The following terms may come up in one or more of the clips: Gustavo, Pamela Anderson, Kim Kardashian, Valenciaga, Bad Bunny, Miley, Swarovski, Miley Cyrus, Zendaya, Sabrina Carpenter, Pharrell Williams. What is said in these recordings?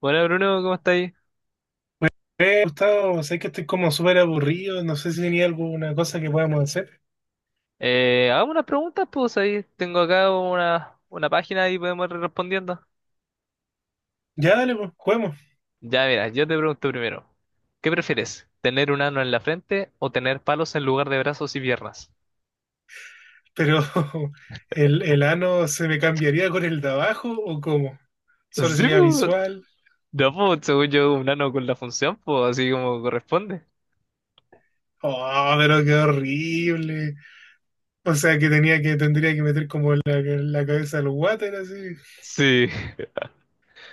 Hola Bruno, ¿cómo estáis? Gustavo, sé que estoy como súper aburrido, no sé si tenía alguna cosa que podamos hacer. Hagamos unas preguntas, pues ahí tengo acá una página y podemos ir respondiendo. Ya, dale, pues, juguemos. Ya, mira, yo te pregunto primero, ¿qué prefieres? ¿Tener un ano en la frente o tener palos en lugar de brazos y piernas? Pero, ¿el ano se me cambiaría con el de abajo o cómo? ¿Solo Sí, sería pues, visual? no, pues, según yo, un ano con la función, pues así como corresponde. Oh, pero qué horrible. O sea, tendría que meter como la cabeza al water así. Sí,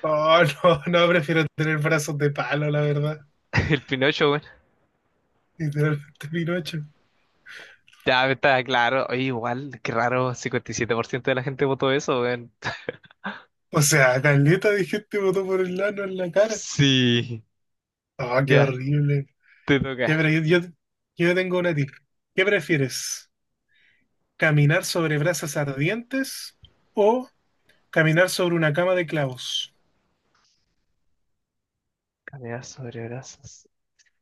Oh, no, no, prefiero tener brazos de palo, la verdad. el Pinocho, bueno. Literalmente Pinocho. Ya, está claro. Oye, igual, qué raro, 57% de la gente votó eso, weón. O sea, Caleta de gente votó por el ano en la cara. Sí, Oh, qué ya, horrible. te Ya, pero toca. yo tengo una tip. ¿Qué prefieres? ¿Caminar sobre brasas ardientes o caminar sobre una cama de clavos? Caminar sobre brazos.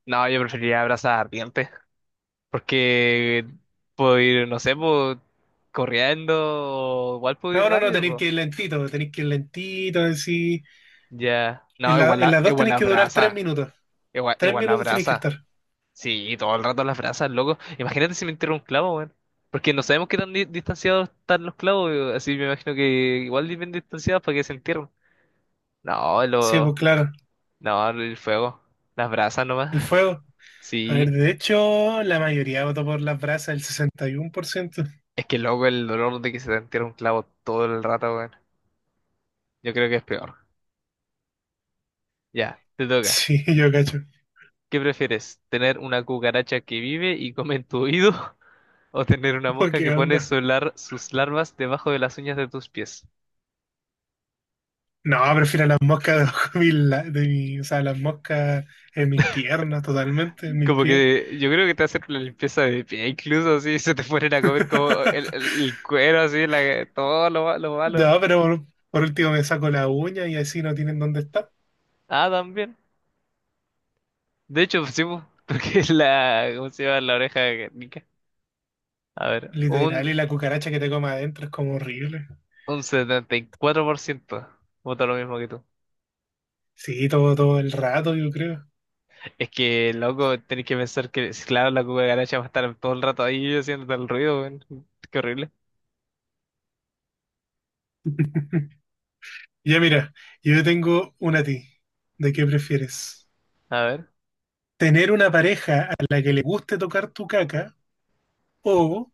No, yo preferiría abrazar ardiente, porque puedo ir, no sé, pues, corriendo, o igual puedo ir No, no, no, rápido, tenéis pues. que ir lentito, tenéis que ir lentito, así. Ya. No, igual En la, las dos igual tenéis la que durar tres brasa, minutos. igual, Tres igual la minutos tenéis que brasa. estar. Sí, todo el rato las brasas, loco. Imagínate si me entierra un clavo, weón. Porque no sabemos qué tan distanciados están los clavos, así me imagino que igual bien distanciados para que se entierren. No, Sí, pues claro, no, el fuego, las brasas nomás. el fuego. A ver, Sí, de hecho, la mayoría votó por las brasas, el 61%. es que loco el dolor de que se te entierre un clavo todo el rato, weón. Yo creo que es peor. Ya, te toca. Sí, yo cacho. ¿Qué prefieres? ¿Tener una cucaracha que vive y come en tu oído? ¿O tener una Oh, mosca ¿qué que pone onda? Sus larvas debajo de las uñas de tus pies? No, prefiero las moscas debajo de, mi, la- de mi- o sea, las moscas en mis piernas totalmente, en mis Como pies. que yo creo que te hacen una limpieza de pie, incluso si se te ponen a comer como el, el- el cuero, así, la, todo lo malo. No, pero por último me saco la uña y así no tienen dónde estar. Ah, también. De hecho, pues sí, po, porque es ¿cómo se llama? La oreja de Guernica. A ver, Literal, un, y la cucaracha que te come adentro es como horrible. un 74% vota lo mismo que tú. Sí, todo el rato, yo creo. Es que, loco, tenés que pensar que, si, claro, la cucaracha va a estar todo el rato ahí haciendo tal ruido, weón. Qué horrible. Ya mira, yo tengo una a ti. ¿De qué prefieres? A ver. ¿Tener una pareja a la que le guste tocar tu caca o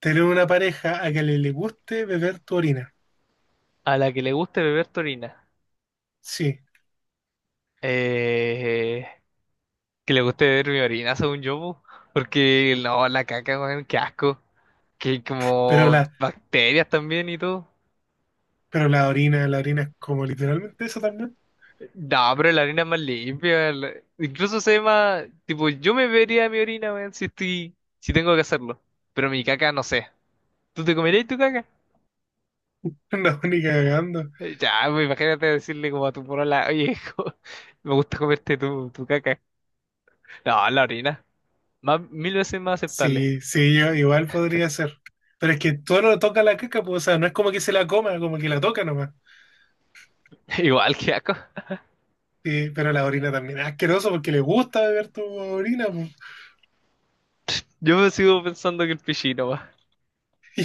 tener una pareja a la que le guste beber tu orina? A la que le guste beber tu orina. Sí, Eh, que le guste beber mi orina, según yo, po. Porque, no, la caca, weón, qué asco. Que hay pero como las. bacterias también y todo. Pero la orina es como literalmente eso también. No, pero la orina es más limpia. Incluso se ve más, tipo, yo me bebería mi orina, weón, si estoy, si tengo que hacerlo. Pero mi caca, no sé. ¿Tú te comerías tu caca? No, ni cagando. Ya, pues, imagínate decirle como a tu porola, oye, como, me gusta comerte tu caca. No, la orina. Más, mil veces más aceptable. Sí, sí, yo igual podría ser. Pero es que todo lo toca la caca, pues, o sea, no es como que se la coma, como que la toca nomás. Igual que asco. Sí, pero la orina también es asqueroso porque le gusta beber tu orina, pues. Yo me sigo pensando que el pichino va.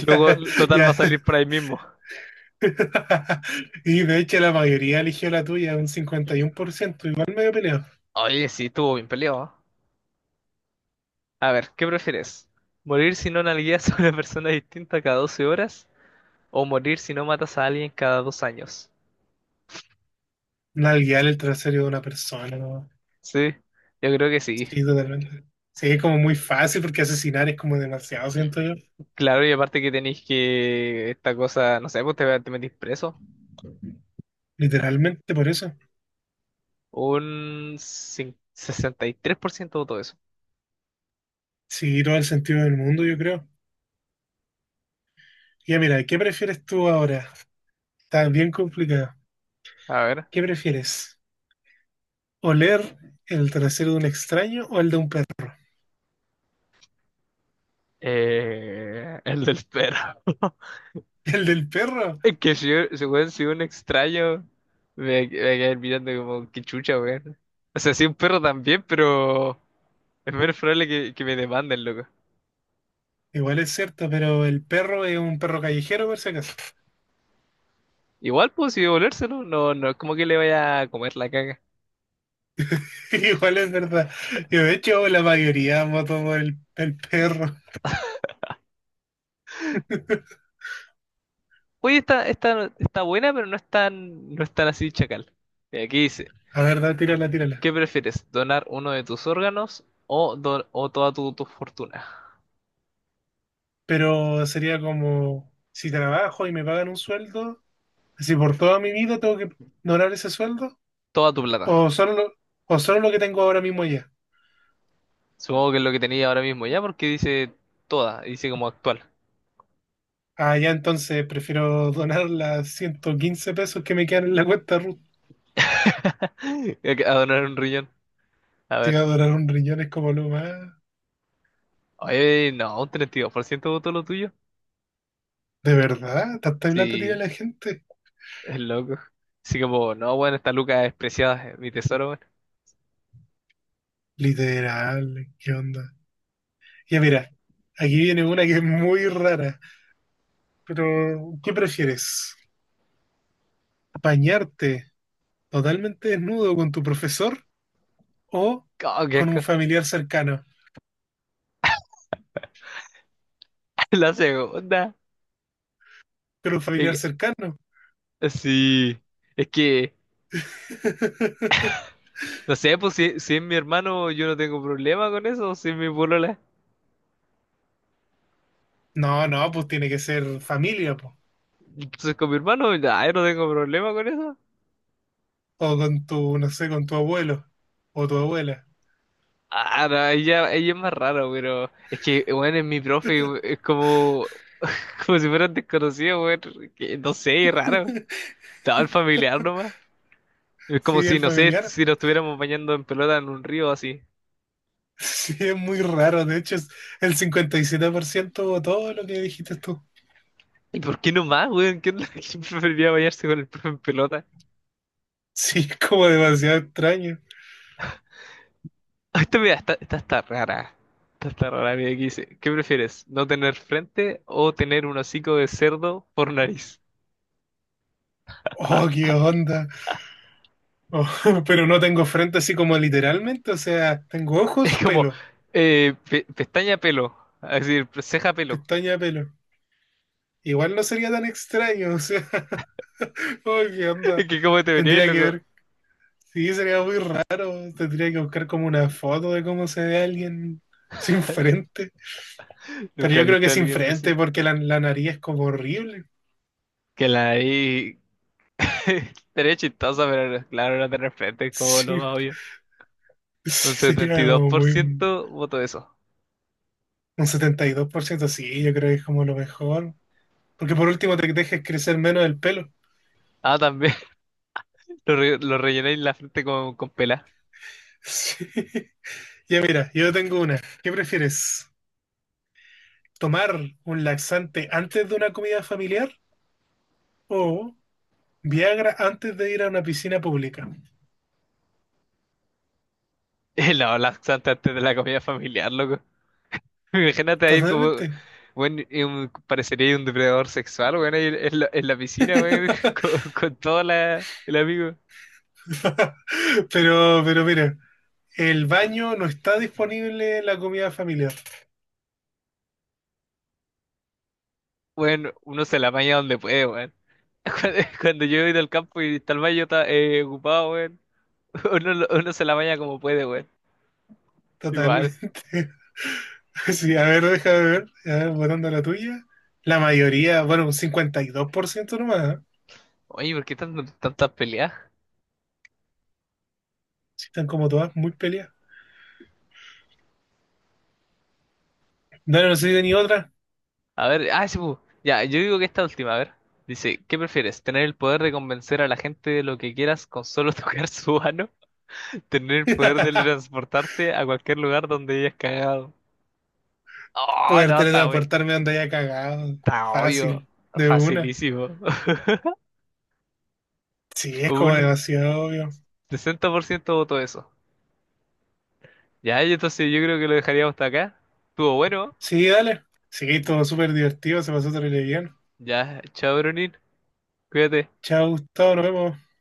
Luego, total, va a Ya, ya. salir por ahí mismo. Y de hecho la mayoría eligió la tuya, un 51%, igual medio peleado. Oye, sí, estuvo bien peleado, ¿ah? A ver, ¿qué prefieres? ¿Morir si no nalgueas a una persona distinta cada 12 horas? ¿O morir si no matas a alguien cada 2 años? Nalguear el trasero de una persona, ¿no? Sí, yo creo que sí. Sí, totalmente. Sí, es como muy fácil porque asesinar es como demasiado, siento yo. Claro, y aparte que tenéis que esta cosa, no sé, pues te metís preso. Literalmente por eso. 63% votó eso. Sí, todo el sentido del mundo, yo creo. Ya mira, ¿qué prefieres tú ahora? Está bien complicado. A ver. ¿Qué prefieres? ¿Oler el trasero de un extraño o el de un perro? El del perro. ¿El del perro? Es que si, weón, si un extraño me quedar mirando como que chucha, weón. O sea, si un perro también, pero es menos probable que, me demanden, loco. Igual es cierto, pero el perro es un perro callejero, por si acaso. Igual, pues, si devolvérselo, no, no es como que le vaya a comer la caga. Igual es verdad. Yo, de hecho, la mayoría voto por el perro. Oye, está buena, pero no es tan así chacal. Y aquí dice, A ver, da, tírala, tírala. ¿qué prefieres? ¿Donar uno de tus órganos, o o toda tu fortuna? Pero sería como, si trabajo y me pagan un sueldo, si por toda mi vida tengo que ignorar ese sueldo, Toda tu plata. o o solo lo que tengo ahora mismo ya. Supongo que es lo que tenía ahora mismo, ya, porque dice toda, dice como actual. Ah, ya, entonces prefiero donar las 115 pesos que me quedan en la cuenta Ruth. A donar un riñón. A Te ver. iba a donar un riñón es como lo más. Oye, no, un 32% votó lo tuyo. ¿De verdad? ¿Tanta plata tira Sí, la gente? es loco. Así como, no, bueno, esta Luca es preciada, es mi tesoro, bueno. Literal, ¿qué onda? Ya mira, aquí viene una que es muy rara. Pero, ¿qué prefieres? ¿Bañarte totalmente desnudo con tu profesor o Oh, qué con un asco. familiar cercano? La segunda. Con un familiar Es que- cercano. Sí. Es que, no sé, pues si es mi hermano, yo no tengo problema con eso. Si es mi polola. No, no, pues tiene que ser familia, pues. Entonces con mi hermano, ya, yo no tengo problema con eso. O con tu, no sé, con tu abuelo o tu abuela. Ah, no, ella es más rara, pero es que, bueno, es mi profe, es como, como si fueran desconocidos, weón, que no sé, es raro. Estaba el familiar nomás. Es como Sí, si, el no sé, familiar. si nos estuviéramos bañando en pelota en un río así. Sí, es muy raro. De hecho, es el 57% o todo lo que dijiste tú. ¿Y por qué nomás, weón? ¿Qué onda? ¿Quién preferiría bañarse con el profe en pelota? Sí, es como demasiado extraño. Ah, esta mira, está, esta está rara. Esta está rara, mira, aquí dice, ¿qué prefieres? ¿No tener frente o tener un hocico de cerdo por nariz? Oh, qué onda. Oh, pero no tengo frente así como literalmente. O sea, tengo Es ojos, como, pelo, pestaña pelo, es decir, ceja pelo. pestaña, pelo. Igual no sería tan extraño. O sea, oh, qué Es onda. que cómo te verías, Tendría que loco. ver. Sí, sería muy raro. Tendría que buscar como una foto de cómo se ve alguien sin frente. Pero Nunca he yo creo que visto a es alguien así. frente porque la nariz es como horrible. Que la ahí estaría chistosa, pero no, claro, era de repente es como lo Sí, más obvio. sí, Un setenta y sería dos como por muy ciento voto eso. un 72%, sí, yo creo que es como lo mejor. Porque por último te dejes crecer menos el pelo. Ah, también lo rellené la frente con pelar. Sí. Ya mira, yo tengo una. ¿Qué prefieres? ¿Tomar un laxante antes de una comida familiar o Viagra antes de ir a una piscina pública? No, laxante antes de la comida familiar, loco. Imagínate ahí como, Totalmente. bueno, parecería un depredador sexual, bueno, ahí en la piscina, weón, con todo el amigo. Pero mira, el baño no está Mm. disponible en la comida familiar. Bueno, uno se la apaña donde puede, weón. Cuando yo he ido al campo y está el baño está, ocupado, weón. Uno se la baña como puede, weón. Igual. Totalmente. Sí, a ver, déjame ver. A ver, votando la tuya. La mayoría, bueno, un 52% nomás, ¿eh? Oye, ¿por qué tantas peleas? Sí, están como todas muy peleadas. No, no soy de ni otra. A ver, ah, sí, pu. Ya, yo digo que esta última, a ver. Dice, ¿qué prefieres? ¿Tener el poder de convencer a la gente de lo que quieras con solo tocar su mano? ¿Tener el poder de transportarte a cualquier lugar donde hayas cagado? Oh, Poder no, está, weón. teletransportarme donde haya cagado. Está obvio. Fácil. De una. Facilísimo. Sí, es como Un demasiado obvio. 60% voto eso. Ya, y entonces yo creo que lo dejaríamos hasta acá. Estuvo bueno. Sí, dale. Sí, todo súper divertido. Se pasó terrible bien. Ya, chao, Brunín. Cuídate. Chao, Gustavo. Nos vemos.